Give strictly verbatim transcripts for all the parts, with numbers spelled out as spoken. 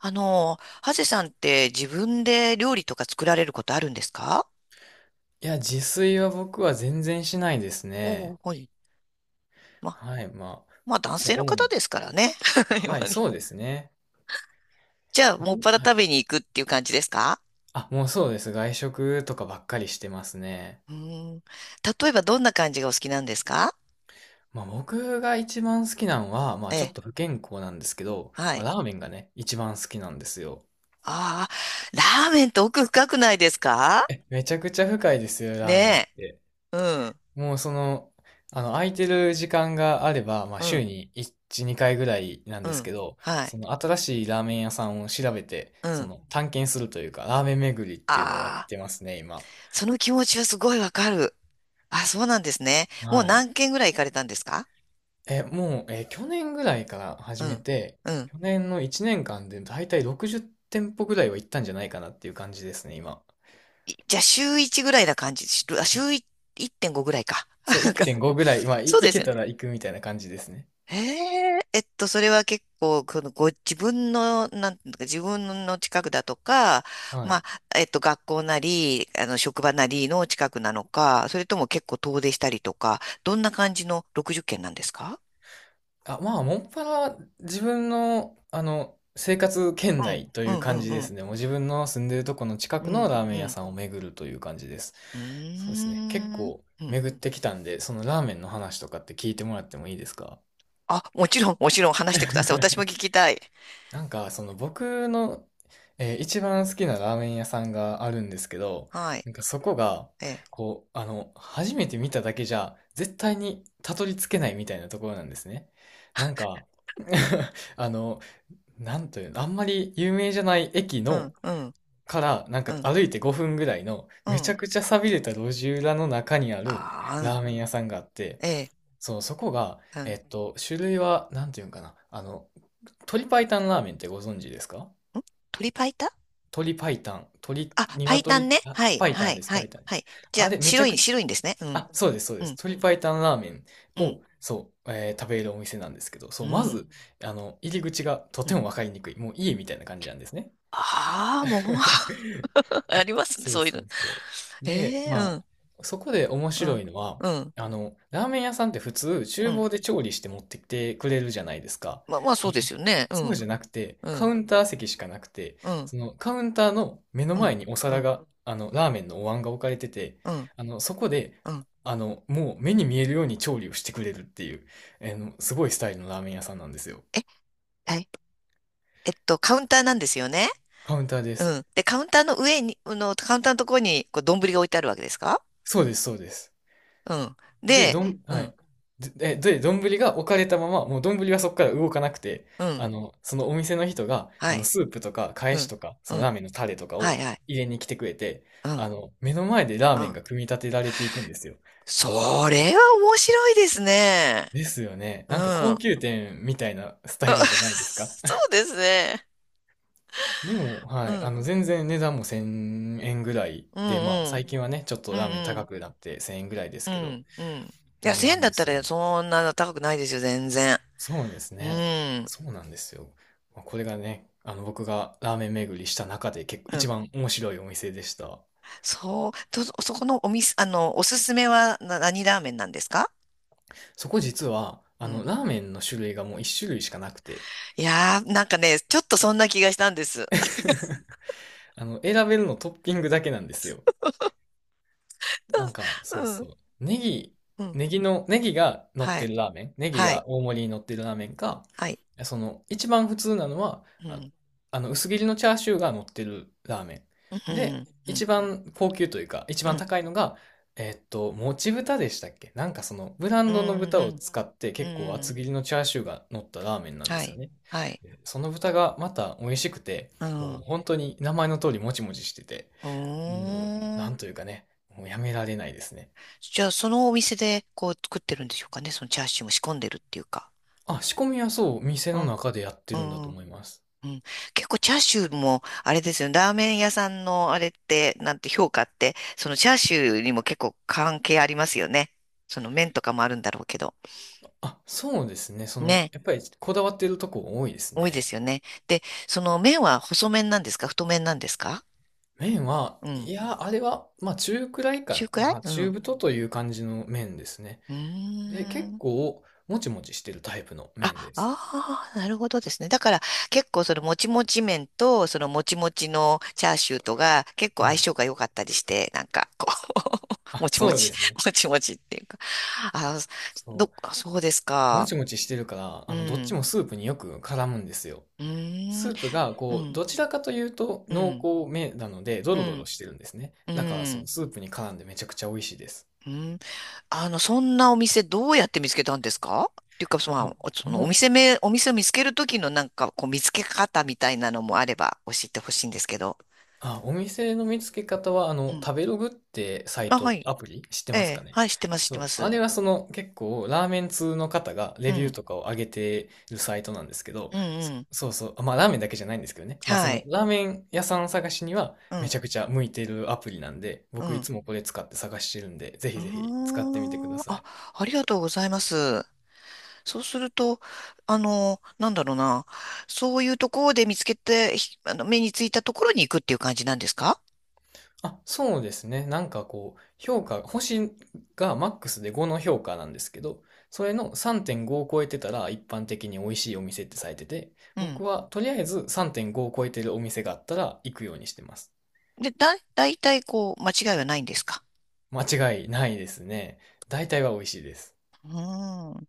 あの、ハゼさんって自分で料理とか作られることあるんですか？いや、自炊は僕は全然しないですおおね。ー、はい。ま、はい、まあ、まあ男そう、性の主方に。ですからね。今はい、にそうですね。じゃあ、もっぱらは食い。べに行くっていう感じですか？あ、もうそうです。外食とかばっかりしてますね。うーん。例えばどんな感じがお好きなんですか？まあ僕が一番好きなのは、まあえちょっえ、と不健康なんですけど、はまあ、い。ラーメンがね、一番好きなんですよ。ああ、ラーメンって奥深くないですか？え、めちゃくちゃ深いですよ、ラーメンっねて。え。うん、もうその、あの、空いてる時間があれば、まあ、う週ん、にいち、にかいぐらいなんうですん。けど、はそい、の新しいラーメン屋さんを調べて、うそん。の探検するというか、ラーメン巡りっていうのをやっああ、てますね、今。その気持ちはすごいわかる。あ、そうなんですね。もうはい。何軒ぐらい行かれたんですか？え、もう、え、去年ぐらいからう始めん。て、うん、去年のいちねんかんでだいたいろくじゅう店舗ぐらいは行ったんじゃないかなっていう感じですね、今。いじゃあ週いちぐらいな感じ、しあ週いいってんごぐらいか。そう、なんかいってんごぐらい、まあ、い、そう行ですけよね。たら行くみたいな感じですね。へえ、えっと、それは結構、このご自分の、なんていうか、自分の近くだとか、はい。まあ、えっと、学校なり、あの、職場なりの近くなのか、それとも結構遠出したりとか、どんな感じのろくじゅっけんなんですか？あ、まあ、もっぱら自分の、あの、生活圏うん、内とういうん、う感じでん、うん、すね。もう自分の住んでるとこの近うくのん、ラーメうン屋ん、さんを巡るという感じです。うそうーですね。結ん。構うん、巡ってきたんで、そのラーメンの話とかって聞いてもらってもいいですか？ あ、もちろん、もちろん話してください。私も聞 きたい。なんか、その僕の、えー一番好きなラーメン屋さんがあるんですけど、はい。なんかそこが、ええ、こう、あの、初めて見ただけじゃ、絶対にたどり着けないみたいなところなんですね。なんか、あの、なんというの、あんまり有名じゃない駅うの、ん、うん、から、なんかうん、歩いてごふんぐらいの、うめちん。ゃくちゃ寂れた路地裏の中にあるああ、うラーん。メン屋さんがあって、ええ、そう、そこが、うん。えん、っと、種類は、なんていうんかな、あの、鶏白湯ラーメンってご存知ですか？鶏白湯。鶏白湯、鶏、あ、白湯鶏、ね。あ、はい、白は湯い、です、は白湯い、ではい。す。じゃああ、れ、めち白ゃい、く、白いんですね。うん、あ、そうです、そううです。ん、鶏白湯ラーメンうん、を、そう、えー食べるお店なんですけど、そうう、まん、ず、あの、入り口がとうてん。もわかりにくい。もう家みたいな感じなんですね。ああ、もう。 ありますね、そうそういうその。うそう。で、ええ、うまん、あ、そこで面う白ん、いのは、うん、あの、ラーメン屋さんって普通、う厨ん。房で調理して持ってきてくれるじゃないですか。まあ、まあ、そううですん、よね。うそうじん、ゃなくて、うカウん、ンター席しかなくて、うん、そのカウンターの目のうん、前におう皿ん、が、あの、ラーメンのお椀が置かれてて、うん、あの、そこで、うん。あの、もう目に見えるように調理をしてくれるっていう、あの、すごいスタイルのラーメン屋さんなんですよ。え、はい。えっと、カウンターなんですよね。カウンターでうす。ん。で、カウンターの上に、あの、カウンターのところに、こう、丼が置いてあるわけですか？そうです、そうです。うん。で、で、どん、うはん、い。で、で、丼が置かれたまま、もう丼はそこから動かなくて、うあん。の、そのお店の人が、あはの、い。スープとか、かうえしん、とか、そうのラん、ーメンのタレとかはをいはい、入れに来てくれて、うん、あの、目の前でラうーメンん。が組み立てられていくんですよ。それは面白いですね。ですよね。うん。なんか高あ。 級店みたいなス タイルじゃないですか。そうですね。でも、はうい、あん、の、全然値段もせんえんぐらいうん、で、まあ、うん、最近はね、ちょっうとラーメン高ん、くなってせんえんぐらいでうすけど、ん、うん。いや、うんなせんんだでったすらよ。ねそんな高くないですよ、全然。そうですうね。ん、そうなんですよ。まあこれがね、あの僕がラーメン巡りした中で結構う一ん。番面白いお店でした。そう、と、そこのお店、あの、おすすめはな何ラーメンなんですか？そこ実は、あうのん。ラーメンの種類がもう一種類しかなくて、いやー、なんかね、ちょっとそんな気がしたんです。あの選べるのトッピングだけなんですよ。なん か、うそうそん、う。ネギ、うん、ネギの、ネギが乗っはてい、るラーメン、ネギはい、が大盛りに乗ってるラーメンか、はい。その、一番普通なのは、うあ、ん、あの、薄切りのチャーシューが乗ってるラーメうん、ン。うで、ん。うん、一番高級というか、一う番ん、高いのが、えっと、もち豚でしたっけ、なんかその、ブラうンドの豚をん、使ってうん、結構う厚ん、切りのチャーシューが乗ったラーメンなんではすよい、ね。はい、でその豚がまた美味しくて、うん、もうう本当に名前の通りもちもちしてて、ーもう、なん。んというかね、もうやめられないですね。じゃあ、そのお店でこう作ってるんでしょうかね、そのチャーシューも仕込んでるっていうか。あ、仕込みはそう、店うのん、中でやってうるんだとん、思います。うん。結構チャーシューも、あれですよね、ラーメン屋さんのあれって、なんて評価って、そのチャーシューにも結構関係ありますよね。その麺とかもあるんだろうけど。あ、そうですね。その、ね、やっぱりこだわってるとこ多いです多いでね。すよね。で、その麺は細麺なんですか太麺なんですか？麺は、うん。いや、あれは、まあ中くらい中かくらいな。うん。中う太という感じの麺ですね。ーで、結ん。構、もちもちしてるタイプのあ、麺です。ああ、なるほどですね。だから結構そのもちもち麺とそのもちもちのチャーシューとが結構は相い。性が良かったりして、なんかこう。 あ、もちもそうでち、すね。もちもちっていうか。あ、ど、そあそうですう。もか。ちもちしてるから、うあの、どっちん。もスープによく絡むんですよ。うーん。スープが、うこう、ん。どちらかというとう濃ん。厚めなので、ドうロドロん。してるんですね。うだから、そのん。スープに絡んでめちゃくちゃ美味しいです。うん。あの、そんなお店どうやって見つけたんですかっていうか、その、こお、こそのおの、店名、お店を見つけるときのなんかこう見つけ方みたいなのもあれば教えてほしいんですけど。あ、お店の見つけ方は、あうの、ん。食べログってサイあ、はト、い。アプリ知ってえますかえ、ね？はい、知ってます、知っそてまう。あす。れはその結構ラーメン通の方がうレビューん、とかを上げてるサイトなんですけど、うん、うそ、ん。そうそう。あまあラーメンだけじゃないんですけどね。まあそはのい。ラーメン屋さん探しにはうめん、ちゃくちゃ向いてるアプリなんで、う僕いん。つもこれ使って探してるんで、ぜうひーぜひ使ってみてくだん。さあ、い。ありがとうございます。そうすると、あの、なんだろうな。そういうところで見つけて、ひ、あの、目についたところに行くっていう感じなんですか？あ、そうですね。なんかこう、評価、星がマックスでごの評価なんですけど、それのさんてんごを超えてたら一般的に美味しいお店ってされてて、うん。僕はとりあえずさんてんごを超えてるお店があったら行くようにしてます。で、だ、だいたいこう、間違いはないんですか？間違いないですね。大体は美味しいです。うーん。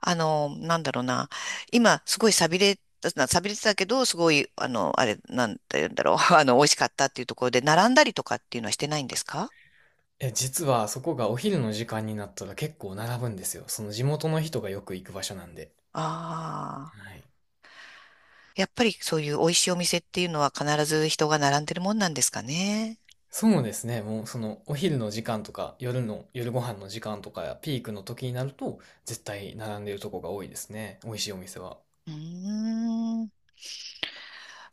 あの、なんだろうな。今、すごい寂れた、寂れてたけど、すごい、あの、あれ、なんて言うんだろう。あの、美味しかったっていうところで、並んだりとかっていうのはしてないんですか？え、実はそこがお昼の時間になったら結構並ぶんですよ。その地元の人がよく行く場所なんで。ああはい。ー。やっぱりそういう美味しいお店っていうのは必ず人が並んでるもんなんですかね。そうですね。もうそのお昼の時間とか夜の夜ご飯の時間とかピークの時になると絶対並んでるとこが多いですね。美味しいお店は。うーん。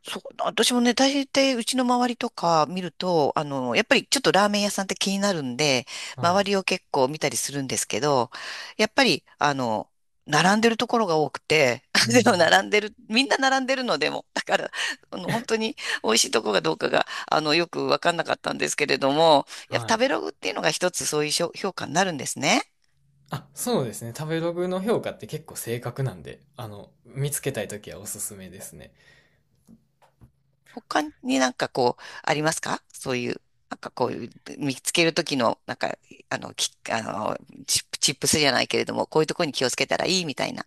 そう、私もね、大抵うちの周りとか見ると、あの、やっぱりちょっとラーメン屋さんって気になるんで、は周い。りを結構見たりするんですけど、やっぱり、あの、並んでるところが多くて、う でもん。並んでる、みんな並んでるのでも、だから、あの、本当に美味しいとこがどうかが、あの、よくわかんなかったんですけれども、やっはぱ食べい。ログっていうのが一つそういう評、評価になるんですね。あ、そうですね。食べログの評価って結構正確なんで、あの、見つけたい時はおすすめですね。他になんかこう、ありますかそういう、なんかこういう、見つけるときの、なんか、あの、き、あの、チップ、チップスじゃないけれども、こういうところに気をつけたらいいみたいな。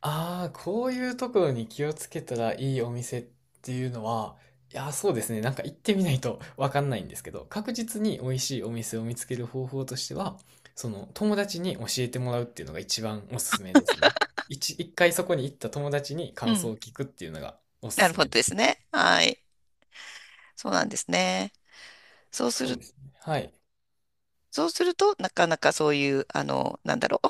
ああ、こういうところに気をつけたらいいお店っていうのは、いやー、そうですね。なんか行ってみないと わかんないんですけど、確実に美味しいお店を見つける方法としては、その友達に教えてもらうっていうのが一番おすすめですね。一、一回そこに行った友達にう感想ん。を聞くっていうのがおすなるすほどめでです。すね。はい。そうなんですね。そうすそうる、ですね。はい。そうすると、なかなかそういう、あの、なんだろう。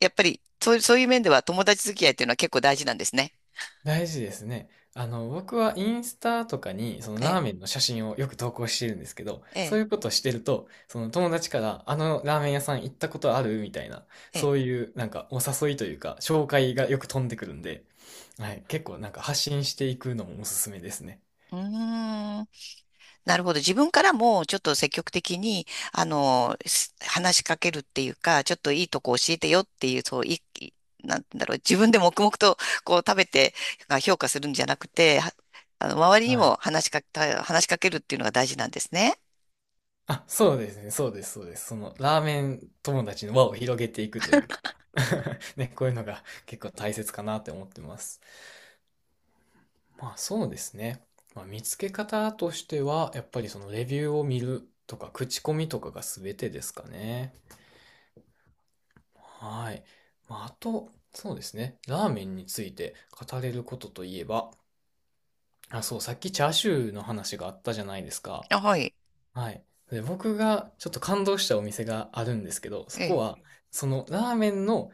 やっぱり、そういう、そういう面では友達付き合いっていうのは結構大事なんですね。大事ですね。あの、僕はインスタとかに、そのえラーえ、メンの写真をよく投稿してるんですけど、えそうえ、いうことをしてると、その友達から、あのラーメン屋さん行ったことあるみたいな、ええ。そういう、なんか、お誘いというか、紹介がよく飛んでくるんで、はい、結構なんか発信していくのもおすすめですね。うーん。なるほど。自分からもちょっと積極的に、あの、す、話しかけるっていうか、ちょっといいとこ教えてよっていう、そう、い、い、なんだろう、自分で黙々とこう食べてまあ評価するんじゃなくて、は、あの、周りにはもい。話しかけた、話しかけるっていうのが大事なんですね。あ、そうですね、そうです、そうです。その、ラーメン友達の輪を広げていくというか、ね、こういうのが結構大切かなって思ってます。まあそうですね。まあ、見つけ方としては、やっぱりそのレビューを見るとか、口コミとかが全てですかね。はい。まあ、あと、そうですね。ラーメンについて語れることといえば、あ、そう、さっきチャーシューの話があったじゃないですか。あ、はい。はい。で、僕がちょっと感動したお店があるんですけど、そえこえ、は、そのラーメンの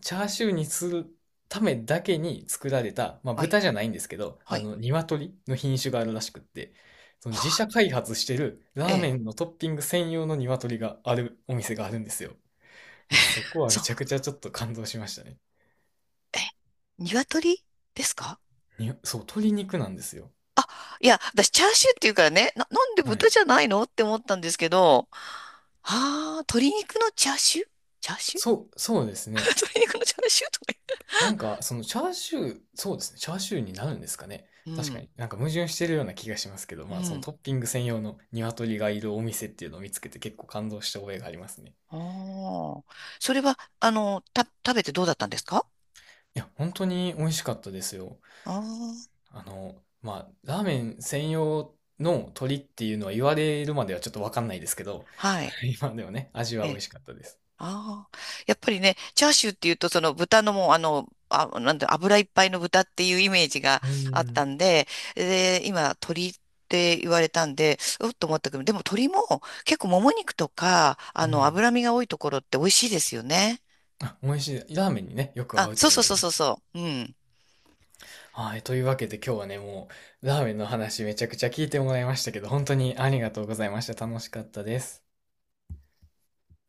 チャーシューにするためだけに作られた、まあ、はい。豚じゃないんですけど、はあい。の、鶏の品種があるらしくって、その自社 開発してるえラーメえ。ンのトッピング専用の鶏があるお店があるんですよ。まあ、そこ はめそう。ちゃくちゃちょっと感動しましたね。え、鶏ですか？にそう、鶏肉なんですよ。あ、いや、私、チャーシューっていうからね、な、なんでは豚い。じゃないのって思ったんですけど、ああ、鶏肉のチャーシュー、チャーシュー。 そう、そうです ね。鶏肉のチャーシューとかなんか、そのチャーシュー、そうですね。チャーシューになるんですかね。確言かっにて。なんか矛盾してるような気がしますけど、うん、まあそうのん。トッピング専用の鶏がいるお店っていうのを見つけて結構感動した覚えがありますね。ああ。それは、あの、た、食べてどうだったんですか？いや、本当に美味しかったですよ。ああー、あの、まあ、ラーメン専用の鳥っていうのは言われるまではちょっとわかんないですけど、はい。今でもね、味えは美え、味しかったです。ああ、やっぱりね、チャーシューっていうと、その豚のもう、あの、あ、なんだ、油いっぱいの豚っていうイメージがうあっん、たんで、で、今、鶏って言われたんで、うっと思ったけど、でも鶏も結構もも肉とか、あうの、ん。脂身が多いところって美味しいですよね。あ、美味しい。ラーメンにね、よく合あ、うそとうそう思いそうまそうす。そう。うん。はい、というわけで今日はね、もう、ラーメンの話めちゃくちゃ聞いてもらいましたけど、本当にありがとうございました。楽しかったです。